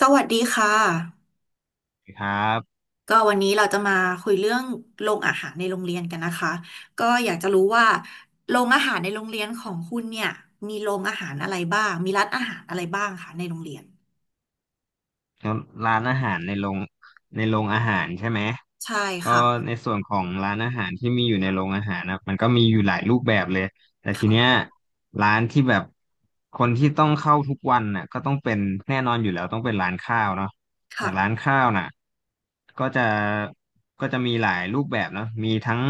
สวัสดีค่ะครับก็วันนี้เราจะมาคุยเรื่องโรงอาหารในโรงเรียนกันนะคะก็อยากจะรู้ว่าโรงอาหารในโรงเรียนของคุณเนี่ยมีโรงอาหารอะไรบ้างมีร้านอาหารอะไรบ้างคะในโรงเรียนแล้วร้านอาหารในโรงอาหารใช่ไหมใช่ก็ค่ะในส่วนของร้านอาหารที่มีอยู่ในโรงอาหารนะมันก็มีอยู่หลายรูปแบบเลยแต่ทีเนี้ยค่ะร้านที่แบบคนที่ต้องเข้าทุกวันน่ะก็ต้องเป็นแน่นอนอยู่แล้วต้องเป็นร้านข้าวเนาะแต่ค่ะร้านข้าวน่ะก็จะก็จะมีหลายรูปแบบเนาะมีทั้ง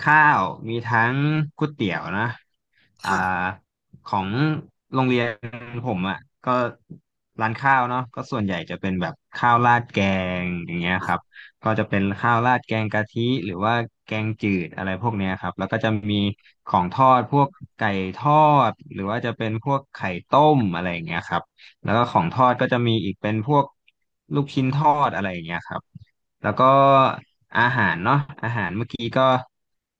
ข้าวมีทั้งก๋วยเตี๋ยวนะอ่า ค่ะของโรงเรียนผมอ่ะก็ร้านข้าวเนาะก็ส่วนใหญ่จะเป็นแบบข้าวราดแกงอย่างเงี้ยครับก็จะเป็นข้าวราดแกงกะทิหรือว่าแกงจืดอะไรพวกเนี้ยครับแล้วก็จะมีของทอดพวกไก่ทอดหรือว่าจะเป็นพวกไข่ต้มอะไรอย่างเงี้ยครับแล้วก็ของทอดก็จะมีอีกเป็นพวกลูกชิ้นทอดอะไรอย่างเงี้ยครับ แล้วก็อาหารเนาะอาหารเมื่อกี้ก็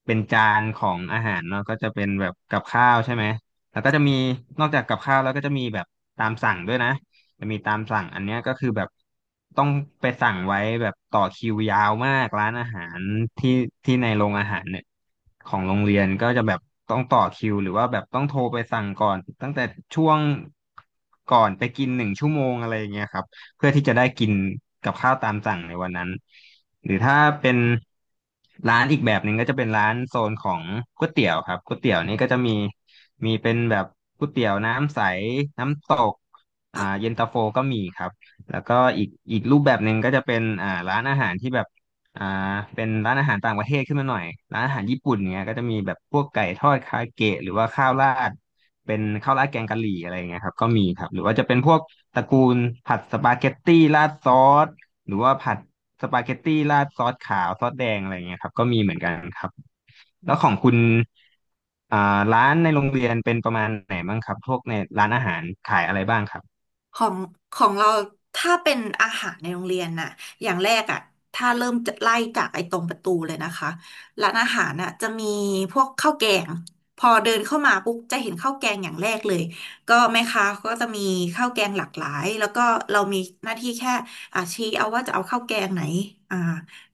เป็นจานของอาหารเนาะก็จะเป็นแบบกับข้าวใช่ไหมแล้วก็จะมีนอกจากกับข้าวแล้วก็จะมีแบบตามสั่งด้วยนะจะมีตามสั่งอันเนี้ยก็คือแบบต้องไปสั่งไว้แบบต่อคิวยาวมากร้านอาหารที่ที่ในโรงอาหารเนี่ยของโรงเรียนก็จะแบบต้องต่อคิวหรือว่าแบบต้องโทรไปสั่งก่อนตั้งแต่ช่วงก่อนไปกินหนึ่งชั่วโมงอะไรอย่างเงี้ยครับ เพื่อที่จะได้กินกับข้าวตามสั่งในวันนั้นหรือถ้าเป็นร้านอีกแบบหนึ่งก็จะเป็นร้านโซนของก๋วยเตี๋ยวครับก๋วยเตี๋ยวนี่ก็จะมีมีเป็นแบบก๋วยเตี๋ยวน้ำใสน้ำตกค่ะ เย็นตาโฟก็มีครับแล้วก็อีกรูปแบบหนึ่งก็จะเป็นร้านอาหารที่แบบอ่าเป็นร้านอาหารต่างประเทศขึ้นมาหน่อยร้านอาหารญี่ปุ่นเนี้ยก็จะมีแบบพวกไก่ทอดคาเกะหรือว่าข้าวราดเป็นข้าวราดแกงกะหรี่อะไรเงี้ยครับก็มีครับหรือว่าจะเป็นพวก ตระกูลผัดสปาเกตตี้ราดซอสหรือว่าผัดสปาเกตตี้ราดซอสขาวซอสแดงอะไรเงี้ยครับก็มีเหมือนกันครับแล้วของคุณอ่าร้านในโรงเรียนเป็นประมาณไหนบ้างครับพวกในร้านอาหารขายอะไรบ้างครับ ของของเราถ้าเป็นอาหารในโรงเรียนน่ะอย่างแรกอ่ะถ้าเริ่มจะไล่จากไอ้ตรงประตูเลยนะคะร้านอาหารน่ะจะมีพวกข้าวแกงพอเดินเข้ามาปุ๊บจะเห็นข้าวแกงอย่างแรกเลยก็แม่ค้าก็จะมีข้าวแกงหลากหลายแล้วก็เรามีหน้าที่แค่อ่ะชี้เอาว่าจะเอาข้าวแกงไหนอ่า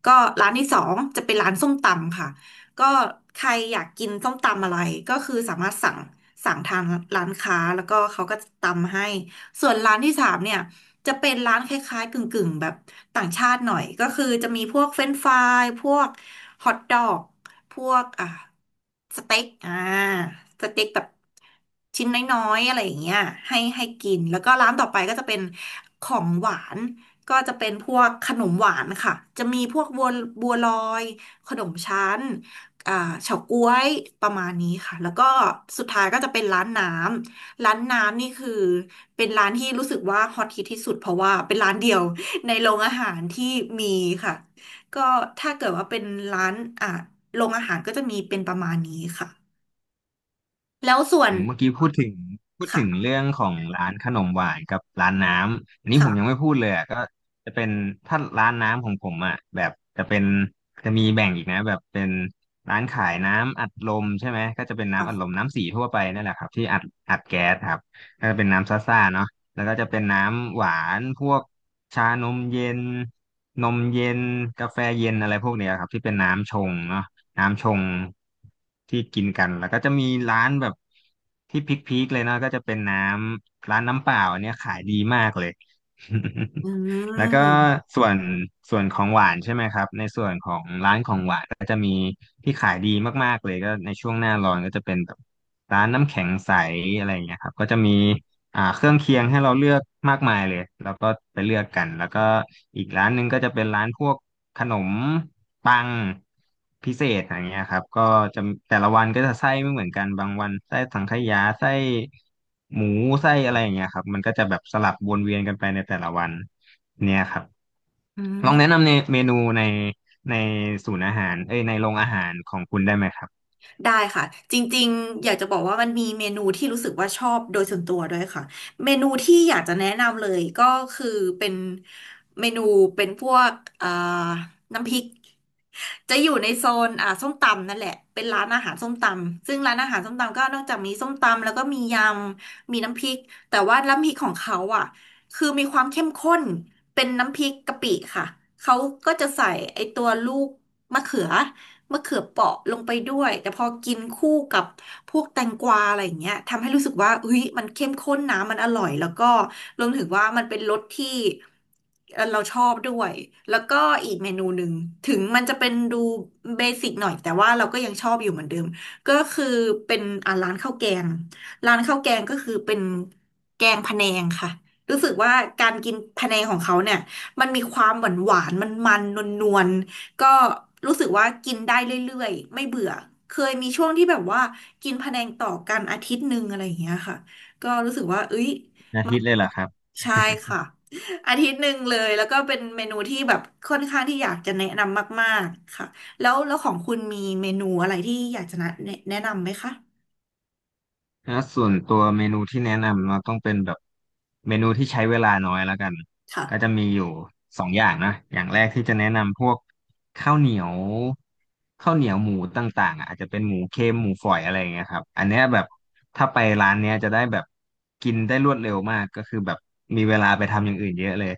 ก็ร้านที่สองจะเป็นร้านส้มตำค่ะก็ใครอยากกินส้มตำอะไรก็คือสามารถสั่งทางร้านค้าแล้วก็เขาก็ตำให้ ส่วนร้านที่สามเนี่ยจะเป็นร้านคล้ายๆกึ่งๆแบบต่างชาติหน่อยก็คือจะมีพวกเฟรนช์ฟรายพวกฮอทดอกพวกสเต็กสเต็กแบบชิ้นน้อยๆอะไรอย่างเงี้ยให้กินแล้วก็ร้านต่อไปก็จะเป็นของหวานก็จะเป็นพวกขนมหวานค่ะจะมีพวกบัวลอยขนมชั้นอ่าเฉาก๊วยประมาณนี้ค่ะแล้วก็สุดท้ายก็จะเป็นร้านน้ำ ร้านน้ำนี่คือเป็นร้านที่รู้สึกว่าฮอตฮิตที่สุดเพราะว่าเป็นร้านเดียว ในโรงอาหารที่มีค่ะก็ถ้าเกิดว่าเป็นร้านอ่ะโรงอาหารก็จะมีเป็นประมาณนี้ค่ะแล้วส่วอืนมเมื่อกี้พูดถึงค่ะเรื่องของร้านขนมหวานกับร้านน้ำอันนี้ผมยังค่ะไม่พูดเลยอ่ะก็จะเป็นถ้าร้านน้ำของผมอ่ะแบบจะเป็นจะมีแบ่งอีกนะแบบเป็นร้านขายน้ำอัดลมใช่ไหมก็จะเป็นค่ะน้ำอัดลมน้ำสีทั่วไปนั่นแหละครับที่อัดแก๊สครับก็จะเป็นน้ำซ่าๆเนาะแล้วก็จะเป็นน้ำหวานพวกชานมเย็นนมเย็นกาแฟเย็นอะไรพวกเนี้ยครับที่เป็นน้ำชงเนาะ น้ำชงที่กินกันแล้วก็จะมีร้านแบบที่พีคๆเลยเนาะก็จะเป็นน้ำร้านน้ำเปล่าอันเนี้ยขายดีมากเลย อื แล้วก็มส่วนส่วนของหวานใช่ไหมครับในส่วนของร้านของหวานก็จะมีที่ขายดีมากๆเลยก็ในช่วงหน้าร้อนก็จะเป็นแบบร้านน้ำแข็งใสอะไรอย่างเงี้ยครับก็จะมีเครื่องเคียงให้เราเลือกมากมายเลยแล้วก็ไปเลือกกันแล้วก็อีกร้านหนึงก็จะเป็นร้านพวก ขนม ปัง พิเศษอย่างเงี้ยครับก็จะแต่ละวันก็จะไส้ไม่เหมือนกัน บางวัน ไส้สังขยา ไส้ หมู ไส้อะไรอย่างเงี้ยครับมันก็จะแบบสลับวนเวียนกันไปในแต่ละวันเนี่ยครับอืลองแนะม นำในเมนูในศูนย์อาหารเอ้ยในโรงอาหารของคุณได้ไหมครับได้ค่ะจริงๆอยากจะบอกว่ามันมีเมนูที่รู้สึกว่าชอบโดยส่วนตัวด้วยค่ะเมนูที่อยากจะแนะนำเลยก็คือเป็นเมนูเป็นพวกเอ่อน้ำพริกจะอยู่ในโซนส้มตำนั่นแหละเป็นร้านอาหารส้มตำซึ่งร้านอาหารส้มตำก็นอกจากมีส้มตำแล้วก็มียำมีน้ำพริกแต่ว่าน้ำพริกของเขาอ่ะคือมีความเข้มข้นเป็นน้ำพริกกะปิค่ะเขาก็จะใส่ไอตัวลูกมะเขือ มะเขือเปราะลงไปด้วยแต่พอกินคู่กับพวกแตงกวาอะไรอย่างเงี้ยทำให้รู้สึกว่าเฮ้ยมันเข้มข้นนะมันอร่อยแล้วก็รวมถึงว่ามันเป็นรสที่เราชอบด้วยแล้วก็อีกเมนูหนึ่งถึงมันจะเป็นดูเบสิกหน่อยแต่ว่าเราก็ยังชอบอยู่เหมือนเดิมก็คือเป็นร้านข้าวแกงร้านข้าวแกงก็คือเป็นแกงพะแนงค่ะรู้สึกว่าการกินพะแนงของเขาเนี่ยมันมีความหวานหวานมันนวลๆ ก็รู้สึกว่ากินได้เรื่อยๆไม่เบื่อเคยมีช่วงที่แบบว่ากินพะแนงต่อกันอาทิตย์หนึ่งอะไรอย่างเงี้ยค่ะก็รู้สึกว่าเอ้ยอามาทิตย์เลยเหรอครับ ใช่ค่ะอาทิตย์หนึ่งเลยแล้วก็เป็นเมนูที่แบบค่อนข้างที่อยากจะแนะนำมากๆค่ะแล้วของคุณมีเมนูอะไรที่อยากจะแนะนำไหมคะถ้าส่วนตัวเมนูที่แนะนำเราต้องเป็นแบบเมนูที่ใช้เวลาน้อยแล้วกันก็จะค่ะมีอยู่สองอย่างนะอย่างแรกที่จะแนะนำพวกข้าวเหนียวข้าวเหนียวหมูต่างๆอ่ะอาจจะเป็นหมูเค็มหมูฝอยอะไรอย่างเงี้ยครับอันเนี้ยแบบถ้าไปร้านเนี้ยจะได้แบบกินได้รวดเร็วมากก็คือแบบมีเวลาไปทำอย่างอื่นเยอะเลย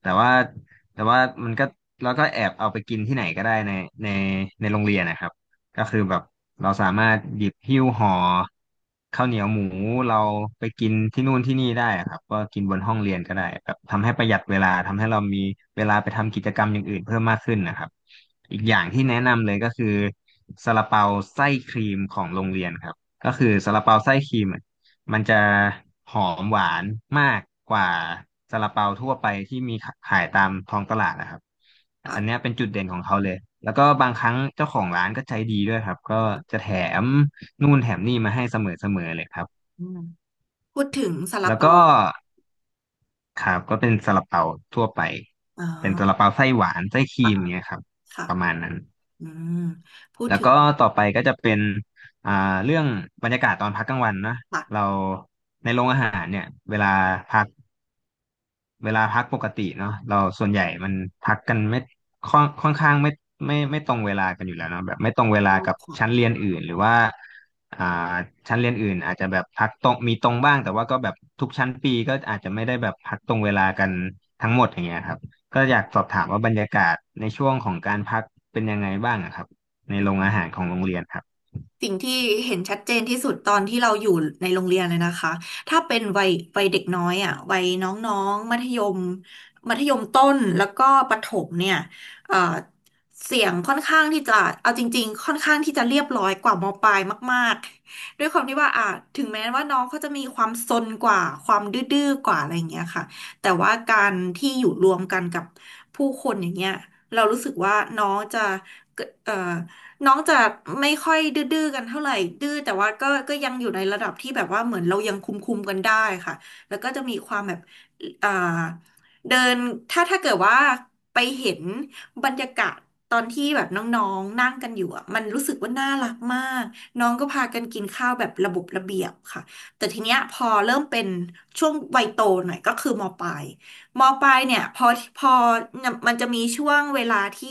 แต่ว่าแต่ว่ามันก็แล้วก็แอบเอาไปกินที่ไหนก็ได้ในในในโรงเรียนนะครับ ก็คือแบบเราสามารถหยิบหิ้วห่อข้าวเหนียวหมูเราไปกินที่นู่นที่นี่ได้อะครับก็กินบนห้องเรียนก็ได้แบบทำให้ประหยัดเวลาทำให้เรามีเวลาไปทำกิจกรรมอย่างอื่นเพิ่มมากขึ้นนะครับอีกอย่างที่แนะนำเลยก็คือซาลาเปาไส้ครีมของโรงเรียนครับก็คือซาลาเปาไส้ครีม มันจะหอมหวานมากกว่าซาลาเปาทั่วไปที่มีขายตามท้องตลาดนะครับอันเนี้ยค่ะเป็นจุดเด่นของเขาเลยแล้วก็บางครั้งเจ้าของร้านก็ใจดีด้วยครับก็จะแถมนู่นแถมนี่มาให้เสมอๆเลยครับอืมพูดถึงซาลาแล้วเปาก็ครับก็เป็นซาลาเปาทั่วไปอ๋เป็นซาลาอเปาไส้หวานไส้ครีค่ะมเงี้ยครับค่ะประมาณนั้นอืมพูดแล้วถึก็งต่อไปก็จะเป็นอ่าเรื่องบรรยากาศตอนพักกลางวันนะค่ะเราในโรงอาหารเนี่ยเวลาพา เวลาพักปกติเนาะเราส่วนใหญ่มันพักกันไม่ค่อนค่อนข้างไม่ไม่ตรงเวลากันอยู่แล้วเนาะแบบไม่ตรงเวชลาอบกับค่ะ ชั้นเรียนอื่นหรือว่าอ่าชั้นเรียนอื่นอาจจะแบบพักตรงมีตรงบ้างแต่ว่าก็แบบทุกชั้นปีก็อาจจะไม่ได้แบบพักตรงเวลากันทั้งหมดอย่างเงี้ยครับก็อยากสอบถามว่าบรรยากาศในช่วงของการพักเป็นยังไงบ้างอะครับในโรงอาหารของโรงเรียนครับ สิ่งที่เห็นชัดเจนที่สุดตอนที่เราอยู่ในโรงเรียนเลยนะคะ ถ้าเป็นวัยเด็กน้อยอ่ะวัยน้องๆมัธยมต้นแล้วก็ประถมเนี่ยเอ่อเสียงค่อนข้างที่จะเอาจริงๆค่อนข้างที่จะเรียบร้อยกว่ามปลายมากๆด้วยความที่ว่าอ่ะถึงแม้ว่าน้องเขาจะมีความซนกว่าความดื้อๆกว่าอะไรอย่างเงี้ยค่ะแต่ว่าการที่อยู่รวมกันกับผู้คนอย่างเงี้ยเรารู้สึกว่าน้องจะเกิดน้องจะไม่ค่อยดื้อๆกันเท่าไหร่ดื้อแต่ว่าก็ยังอยู่ในระดับที่แบบว่าเหมือนเรายังคุมกันได้ค่ะแล้วก็จะมีความแบบอ่าเดินถ้าเกิดว่าไปเห็นบรรยากาศตอนที่แบบน้องๆนั่งกันอยู่อ่ะมันรู้สึกว่าน่ารักมากน้องก็พากันกินข้าวแบบระบบระเบียบค่ะแต่ทีเนี้ยพอเริ่มเป็นช่วงวัยโตหน่อยก็คือมปลาย มปลายเนี่ยพอมันจะมีช่วงเวลาที่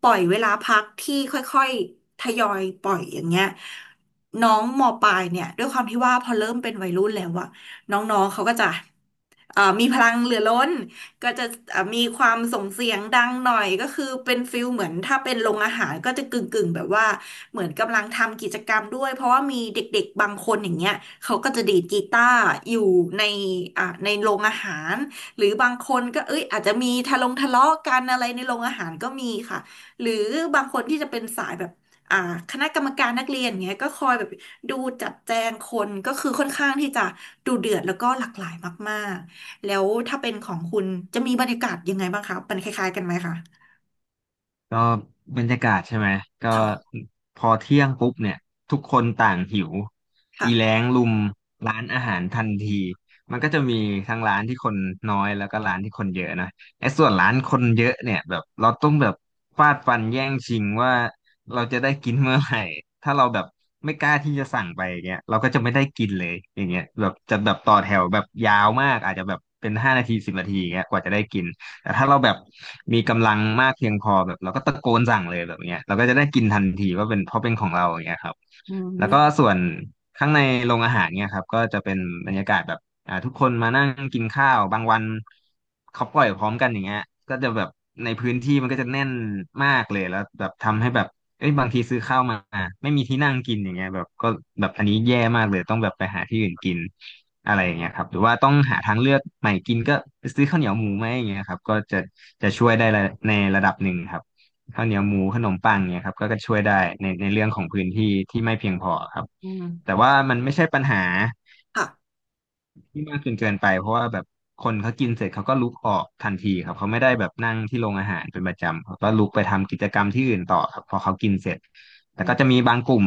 ปล่อยเวลาพักที่ค่อยๆทยอยปล่อยอย่างเงี้ยน้องมปลายเนี่ยด้วยความที่ว่าพอเริ่มเป็นวัยรุ่นแล้วอะน้องๆเขาก็จะมีพลังเหลือล้นก็จะมีความส่งเสียงดังหน่อยก็คือเป็นฟิลเหมือนถ้าเป็นโรงอาหารก็จะกึ่งๆแบบว่าเหมือนกำลังทำกิจกรรมด้วยเพราะว่ามีเด็กๆบางคนอย่างเงี้ยเขาก็จะดีดกีตาร์อยู่ในอ่ะในโรงอาหาร หรือบางคนก็เอ้ยอาจจะมีทะลงทะเลาะกันอะไรในโรงอาหารก็มีค่ะหรือบางคนที่จะเป็นสายแบบอ่าคณะกรรมการนักเรียนเงี้ยก็คอยแบบดูจัดแจงคนก็คือค่อนข้างที่จะดูเดือดแล้วก็หลากหลายมากๆ แล้วถ้าเป็นของคุณจะมีบรรยากาศยังไงบ้างคะมันคล้ายๆกันไหมคะก็บรรยากาศใช่ไหมก็ค่ะพอเที่ยงปุ๊บเนี่ยทุกคนต่างหิวอีแล้ค่ะงลุมร้านอาหารทันทีมันก็จะมีทั้งร้านที่คนน้อยแล้วก็ร้านที่คนเยอะนะไอ้ส่วนร้านคนเยอะเนี่ยแบบเราต้องแบบฟาดฟันแย่งชิงว่าเราจะได้กินเมื่อไหร่ถ้าเราแบบไม่กล้าที่จะสั่งไปอย่างเงี้ยเราก็จะไม่ได้กินเลยอย่างเงี้ยแบบจะแบบต่อแถวแบบยาวมากอาจจะแบบเป็น5 นาที10 นาทีอย่างเงี้ยกว่าจะได้กิน แต่ถ้าเราแบบมีกำลังมากเพียงพอแบบเราก็ตะโกนสั่งเลยแบบเนี้ยเราก็จะได้กินทันทีว่าเป็นเพราะเป็นของเราอย่างเงี้ยครับ อืแล้วก็มส่วนข้างในโรงอาหารเนี่ยครับก็จะเป็นบรรยากาศแบบทุกคนมานั่งกินข้าวบางวันเขาปล่อยพร้อมกันอย่างเงี้ยก็จะแบบในพื้นที่มันก็จะแน่นมากเลยแล้วแบบทำให้แบบเอ้ยบางทีซื้อข้าวมาไม่มีที่นั่งกินอย่างเงี้ยแบบก็แบบอันนี้แย่มากเลยต้องแบบไปหาที่อื่นกินอะไรอย่างเงี้ยครับหรือว่าต้องหาทางเลือกใหม่กินก็ซื้อข้าวเหนียวหมูไหมอย่างเงี้ยครับก็จะช่วยได้ในระดับหนึ่งครับ ข้าวเหนียวหมูขนมปังเนี่ยครับก็ช่วยได้ในเรื่องของพื้นที่ที่ไม่เพียงพอครับอืมแต่ว่ามันไม่ใช่ปัญหาค่ะที่มากจนเกินไปเพราะว่าแบบคนเขากินเสร็จเขาก็ลุกออกทันทีครับเขาไม่ได้แบบนั่งที่โรงอาหารเป็นประจำเขาก็ลุกไปทำกิจกรรมที่อื่นต่อครับพอเขากินเสร็จอืแต่ก็มจะมีบางกลุ่ม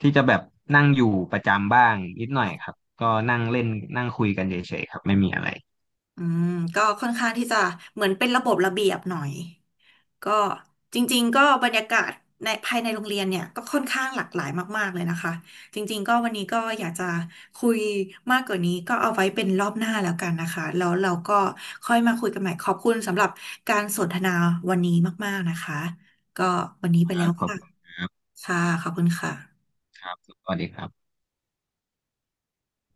ที่จะแบบนั่งอยู่ประจำบ้างนิดหน่อยครัค่ะบก็นั่งเล่นนั่งคุยกันเฉยๆครับไม่มีอะไรอืมก็ค่อนข้างที่จะเหมือนเป็นระบบระเบียบหน่อย ก็จริงๆก็บรรยากาศในภายในโรงเรียนเนี่ยก็ค่อนข้างหลากหลายมากๆเลยนะคะจริงๆก็วันนี้ก็อยากจะคุยมากกว่านี้ก็เอาไว้เป็นรอบหน้าแล้วกันนะคะแล้วเราก็ค่อยมาคุยกันใหม่ขอบคุณสำหรับการสนทนาวันนี้มากๆนะคะก็วันนี้ไปคแล้รัวบขอบค่ะคุณครับค่ะขอบคุณค่ะครับสวัสดีครับ